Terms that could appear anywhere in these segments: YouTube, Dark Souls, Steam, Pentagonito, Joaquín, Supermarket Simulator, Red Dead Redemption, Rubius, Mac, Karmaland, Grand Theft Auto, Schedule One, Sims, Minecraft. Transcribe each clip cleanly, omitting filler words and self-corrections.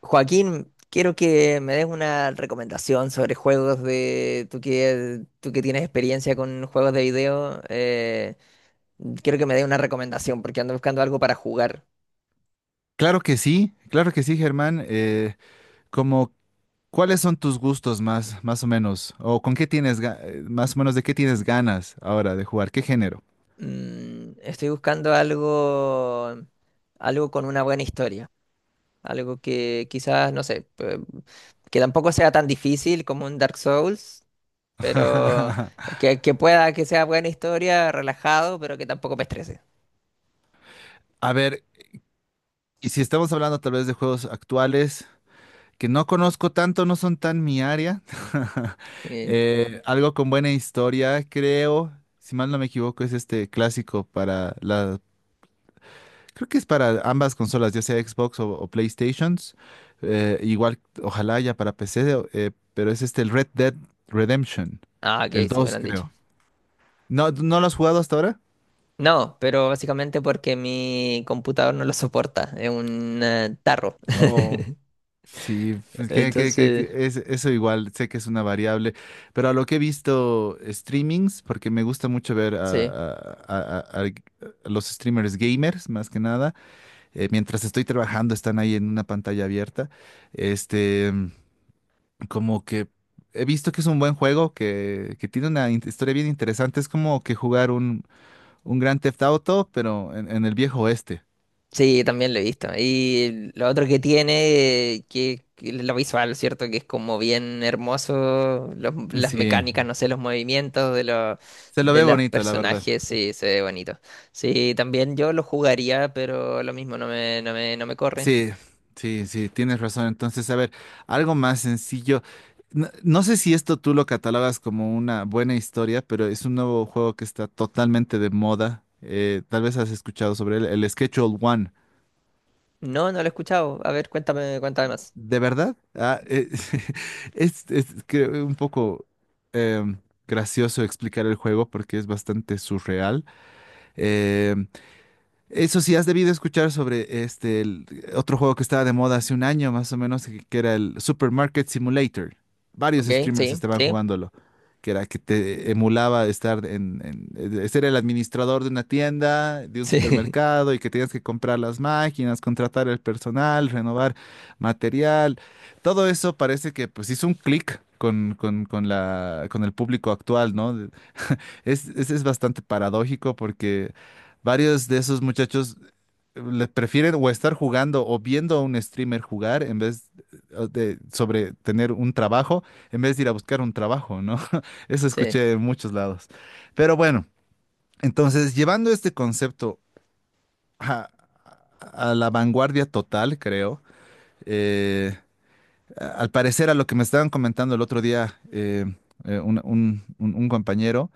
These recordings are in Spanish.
Joaquín, quiero que me des una recomendación sobre juegos de... Tú que tienes experiencia con juegos de video, quiero que me des una recomendación porque ando buscando algo para jugar. Claro que sí, Germán. Como, ¿Cuáles son tus gustos más o menos? ¿O con qué tienes, más o menos de qué tienes ganas ahora de jugar? ¿Qué género? Estoy buscando algo, algo con una buena historia, algo que quizás, no sé, que tampoco sea tan difícil como un Dark Souls, pero que pueda que sea buena historia, relajado, pero que tampoco me estrese. A ver, y si estamos hablando tal vez de juegos actuales que no conozco tanto, no son tan mi área. Eh, Algo con buena historia, creo. Si mal no me equivoco, es este clásico para la. Creo que es para ambas consolas, ya sea Xbox o PlayStations. Igual, ojalá ya para PC, pero es este el Red Dead Redemption. Ah, ok, El sí me lo 2, han dicho. creo. ¿No, no lo has jugado hasta ahora? No, pero básicamente porque mi computador no lo soporta, es un tarro. Oh, sí, pues, Entonces, que es, eso igual, sé que es una variable, pero a lo que he visto streamings, porque me gusta mucho ver sí, a- a- a- a los streamers gamers, más que nada, mientras estoy trabajando, están ahí en una pantalla abierta, este, como que he visto que es un buen juego, que tiene una historia bien interesante. Es como que jugar un Grand Theft Auto, pero en el viejo oeste. sí, también lo he visto. Y lo otro que tiene, que lo visual, ¿cierto? Que es como bien hermoso, las Sí, mecánicas, no sé, los movimientos se lo de ve los bonito, la verdad. personajes, sí, se ve bonito. Sí, también yo lo jugaría, pero lo mismo, no me corre. Sí, sí, sí, tienes razón. Entonces, a ver, algo más sencillo. No, no sé si esto tú lo catalogas como una buena historia, pero es un nuevo juego que está totalmente de moda. Tal vez has escuchado sobre él, el Schedule One. No, no lo he escuchado. A ver, cuéntame más. ¿De verdad? Ah, es creo, un poco em, gracioso explicar el juego porque es bastante surreal. Em, Eso sí, has debido escuchar sobre el otro juego que estaba de moda hace un año más o menos, que era el Supermarket Simulator. Varios Ok, streamers sí, estaban sí, jugándolo, que era que te emulaba estar ser el administrador de una tienda, de un sí. supermercado, y que tenías que comprar las máquinas, contratar el personal, renovar material. Todo eso parece que pues hizo un clic con el público actual, ¿no? Es bastante paradójico porque varios de esos muchachos le prefieren o estar jugando o viendo a un streamer jugar en vez de sobre tener un trabajo, en vez de ir a buscar un trabajo, ¿no? Eso Sí. escuché en muchos lados. Pero bueno, entonces llevando este concepto a, a la vanguardia total, creo, eh, al parecer a lo que me estaban comentando el otro día un compañero,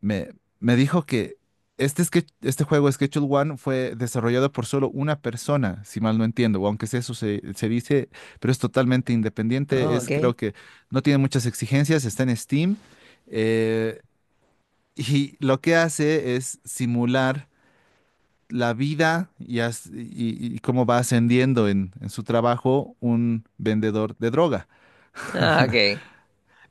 me, me dijo que este juego Schedule One fue desarrollado por solo una persona, si mal no entiendo, o aunque sea eso se dice, pero es totalmente independiente, Oh, es ok. creo que no tiene muchas exigencias, está en Steam, eh, y lo que hace es simular la vida y cómo va ascendiendo en su trabajo un vendedor de droga. Ah, ok.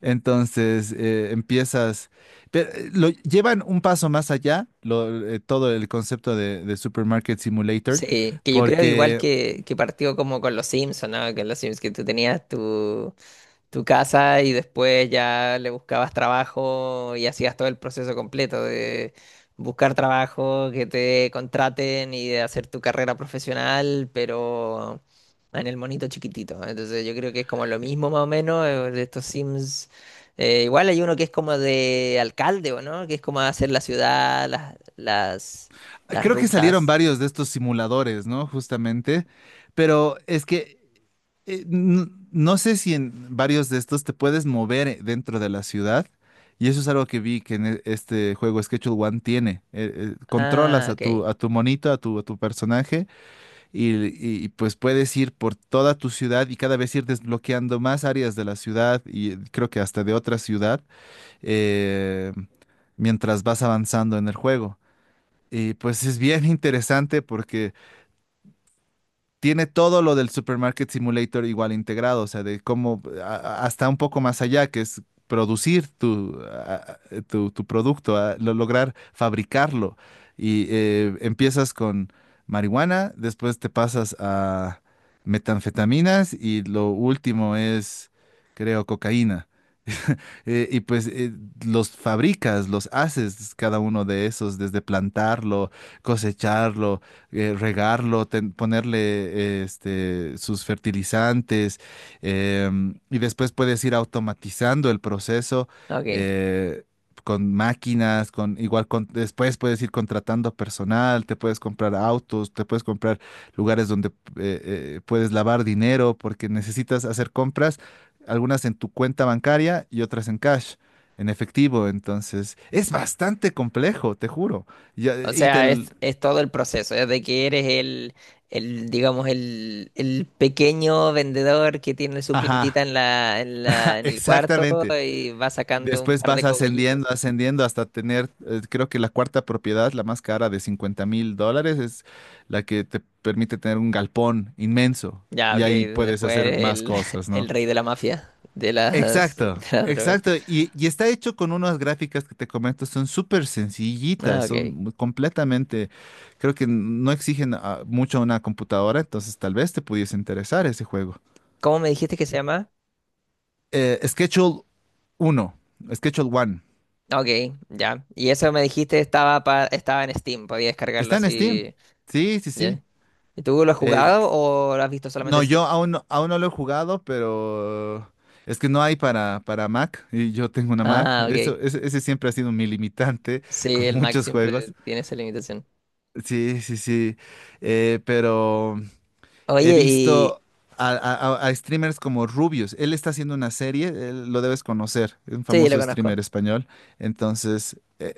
Entonces empiezas, pero lo llevan un paso más allá, todo el concepto de Supermarket Simulator, Sí, que yo creo que igual porque que, que partió como con los Sims, ¿o no? Con los Sims que tú tenías tu, tu casa y después ya le buscabas trabajo y hacías todo el proceso completo de buscar trabajo, que te contraten y de hacer tu carrera profesional, pero en el monito chiquitito. Entonces yo creo que es como lo mismo más o menos de estos Sims. Igual hay uno que es como de alcalde, ¿o no? Que es como hacer la ciudad, las creo que salieron rutas. varios de estos simuladores, ¿no? Justamente, pero es que no sé si en varios de estos te puedes mover dentro de la ciudad, y eso es algo que vi que en este juego Schedule One tiene. Controlas Ah, a tu monito, a tu personaje pues puedes ir por toda tu ciudad y cada vez ir desbloqueando más áreas de la ciudad y creo que hasta de otra ciudad eh, mientras vas avanzando en el juego. Y pues es bien interesante porque tiene todo lo del Supermarket Simulator igual integrado, o sea, de cómo hasta un poco más allá, que es producir tu producto, lograr fabricarlo. Y empiezas con marihuana, después te pasas a metanfetaminas y lo último es, creo, cocaína y pues los fabricas, los haces cada uno de esos, desde plantarlo, cosecharlo, regarlo, ponerle sus fertilizantes, y después puedes ir automatizando el proceso. ok. eh, con máquinas, con igual con después puedes ir contratando personal, te puedes comprar autos, te puedes comprar lugares donde puedes lavar dinero porque necesitas hacer compras algunas en tu cuenta bancaria y otras en cash, en efectivo. Entonces, es bastante complejo, te juro. Ya- O Y, te... sea, l- es todo el proceso, desde que eres el digamos, el pequeño vendedor que tiene su plantita Ajá, en en el cuarto exactamente. y va sacando un Después par de vas ascendiendo, cogollitos. ascendiendo hasta tener, creo que la cuarta propiedad, la más cara de $50.000, es la que te permite tener un galpón inmenso. Ya, Y ok, ahí puedes después hacer eres más el, cosas, el ¿no? rey de la mafia, de Exacto, las drogas. exacto. Y está hecho con unas gráficas que te comento, son súper Ah, sencillitas, son ok. Completamente, creo que no exigen mucho a una computadora, entonces tal vez te pudiese interesar ese juego. ¿Cómo me dijiste que se llama? Schedule 1, Schedule 1, Ah, ok, ya. Y eso me dijiste estaba, estaba en Steam, podía descargarlo está en Steam. así, Sí, sí, ¿ya? sí. ¿Y tú lo has Eh, jugado o lo has visto solamente no, en yo stream? aún, aún no lo he jugado, pero es que no hay para Mac y yo tengo una Mac. Ah, ok. Eso, ese siempre ha sido mi limitante Sí, con el Mac muchos siempre juegos. tiene esa limitación. Sí, sí, sí. Pero he Oye, y... visto a streamers como Rubius. Él está haciendo una serie, él lo debes conocer, es un Sí, lo famoso conozco. streamer español. Entonces,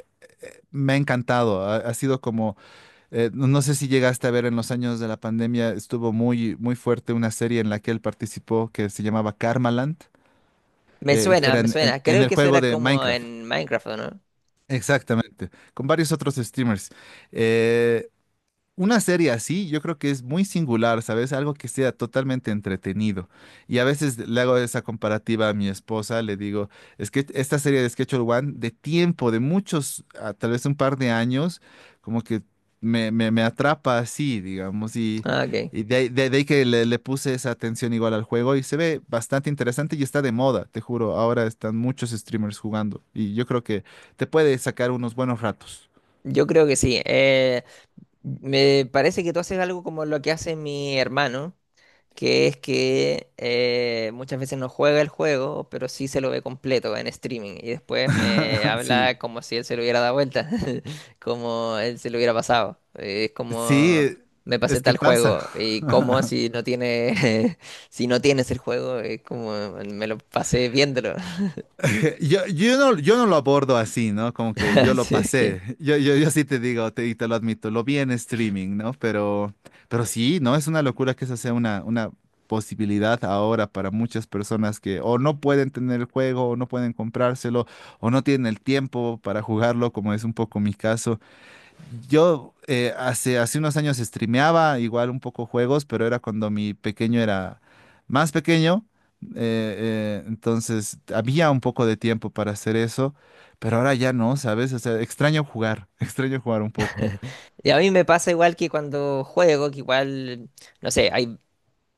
me ha encantado. Ha sido como, no sé si llegaste a ver en los años de la pandemia, estuvo muy, muy fuerte una serie en la que él participó que se llamaba Karmaland. Me suena, Era me suena. en Creo el que eso juego era de como Minecraft. en Minecraft, ¿o no? Exactamente, con varios otros streamers. eh, Una serie así, yo creo que es muy singular, ¿sabes? Algo que sea totalmente entretenido. Y a veces le hago esa comparativa a mi esposa, le digo, es que esta serie de Schedule One, de tiempo, de muchos, tal vez un par de años, como que me atrapa así, digamos, Ah, ok. y de ahí que le puse esa atención igual al juego y se ve bastante interesante y está de moda, te juro, ahora están muchos streamers jugando y yo creo que te puede sacar unos buenos ratos. Yo creo que sí. Me parece que tú haces algo como lo que hace mi hermano, que es que muchas veces no juega el juego, pero sí se lo ve completo en streaming y después me Sí. habla como si él se lo hubiera dado vuelta, como él se lo hubiera pasado. Es como Sí, me pasé es que tal pasa. juego y como si no tiene si no tienes el juego, es como me lo pasé viéndolo. Yo no lo abordo así, ¿no? Como que yo lo Así es que pasé. Yo sí te digo, y te lo admito, lo vi en streaming, ¿no? Pero sí, ¿no? Es una locura que esa sea una posibilidad ahora para muchas personas que o no pueden tener el juego, o no pueden comprárselo, o no tienen el tiempo para jugarlo, como es un poco mi caso. Yo hace unos años streameaba igual un poco juegos, pero era cuando mi pequeño era más pequeño. Entonces había un poco de tiempo para hacer eso, pero ahora ya no, ¿sabes? O sea, extraño jugar, extraño jugar un poco. y a mí me pasa igual que cuando juego, que igual, no sé, hay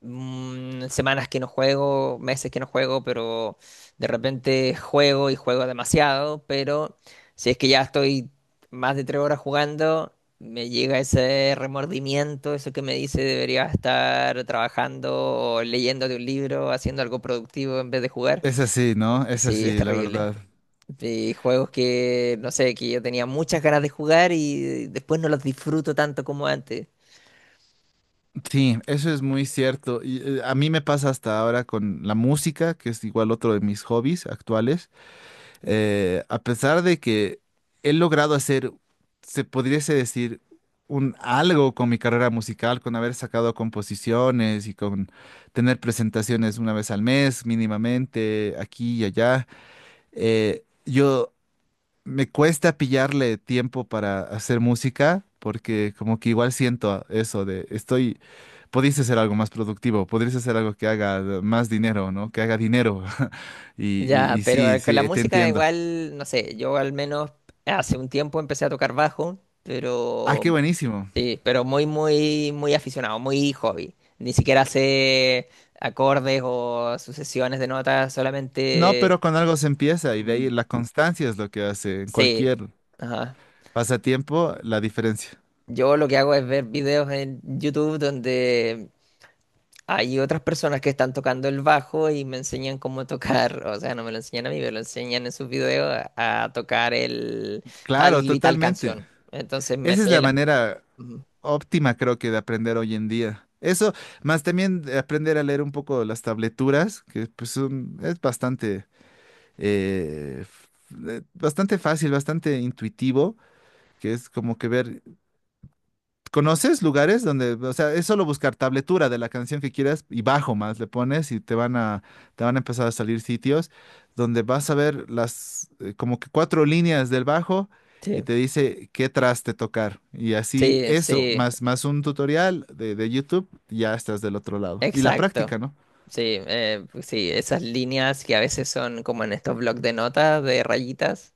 semanas que no juego, meses que no juego, pero de repente juego y juego demasiado, pero si es que ya estoy más de 3 horas jugando, me llega ese remordimiento, eso que me dice debería estar trabajando o leyendo de un libro, haciendo algo productivo en vez de jugar. Es así, ¿no? Es Sí, es así, la terrible. verdad. Y juegos que, no sé, que yo tenía muchas ganas de jugar y después no los disfruto tanto como antes. Sí, eso es muy cierto. Y, a mí me pasa hasta ahora con la música, que es igual otro de mis hobbies actuales. A pesar de que he logrado hacer, se pudiese decir, un algo con mi carrera musical, con haber sacado composiciones y con tener presentaciones una vez al mes mínimamente, aquí y allá, yo me cuesta pillarle tiempo para hacer música porque como que igual siento eso de estoy... Podrías hacer algo más productivo, podrías hacer algo que haga más dinero, ¿no? Que haga dinero. Y, y Ya, y pero sí, con la sí, te música entiendo. igual, no sé, yo al menos hace un tiempo empecé a tocar bajo, Ah, pero qué buenísimo. sí, pero muy aficionado, muy hobby. Ni siquiera sé acordes o sucesiones de notas, No, solamente pero con algo se empieza y de mm, ahí la constancia es lo que hace en sí. cualquier Ajá. pasatiempo la diferencia. Yo lo que hago es ver videos en YouTube donde hay otras personas que están tocando el bajo y me enseñan cómo tocar, o sea, no me lo enseñan a mí, me lo enseñan en sus videos a tocar el tal Claro, y tal totalmente. canción. Entonces me Esa es sé la la... manera Ujú. óptima, creo que, de aprender hoy en día. Eso, más también de aprender a leer un poco las tableturas, que pues es bastante, eh, f- bastante fácil, bastante intuitivo, que es como que ver. ¿Conoces lugares donde, o sea, es solo buscar tabletura de la canción que quieras y bajo más le pones y te van a empezar a salir sitios donde vas a ver las, como que cuatro líneas del bajo y Sí, te dice qué traste tocar. Y así sí, eso, sí, más un tutorial de YouTube, ya estás del otro lado. Y la exacto. práctica, ¿no? Sí, pues sí, esas líneas que a veces son como en estos blocs de notas, de rayitas,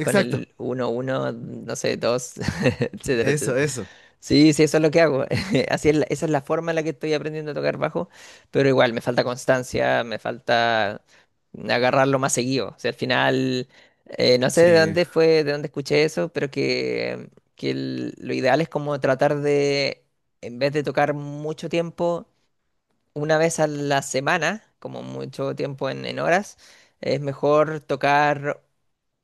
con el uno uno, no sé, 2, etcétera, eso, etcétera. eso. Sí, sí, eso es lo que hago. Así es esa es la forma en la que estoy aprendiendo a tocar bajo, pero igual me falta constancia, me falta agarrarlo más seguido. O sea, al final, no sé de Sí, dónde fue, de dónde escuché eso, pero que lo ideal es como tratar de, en vez de tocar mucho tiempo, una vez a la semana, como mucho tiempo en horas, es mejor tocar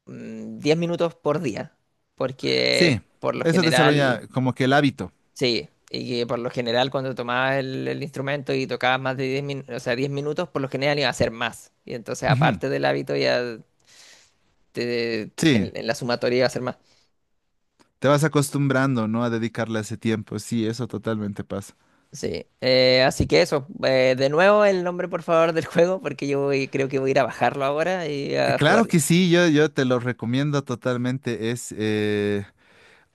10 minutos por día, sí, porque por lo eso general... desarrolla como que el hábito. Sí, y que por lo general cuando tomabas el instrumento y tocabas más de 10 minutos, o sea, 10 minutos, por lo general iba a ser más. Y entonces, Ujú. aparte del hábito, te- Sí, en la sumatoria iba a ser más. te vas acostumbrando, ¿no? A dedicarle ese tiempo. Sí, eso totalmente pasa. Sí, así que eso, de nuevo el nombre por favor del juego, porque creo que voy a ir a bajarlo ahora y a Claro jugarlo. que sí, yo te lo recomiendo totalmente. Es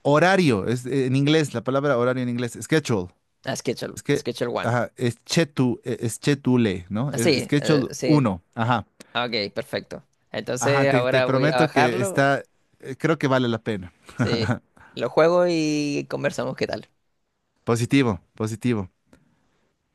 horario, es en inglés, la palabra horario en inglés, schedule. A Schedule, Es que, Schedule One. ajá, es chetule, ¿no? Ah, sí, Schedule sí, 1. Ajá. ah, ok, perfecto. Ajá, Entonces te ahora voy a ir a prometo que bajarlo, está, creo que vale la pena. sí, lo juego y conversamos qué tal. Positivo, positivo.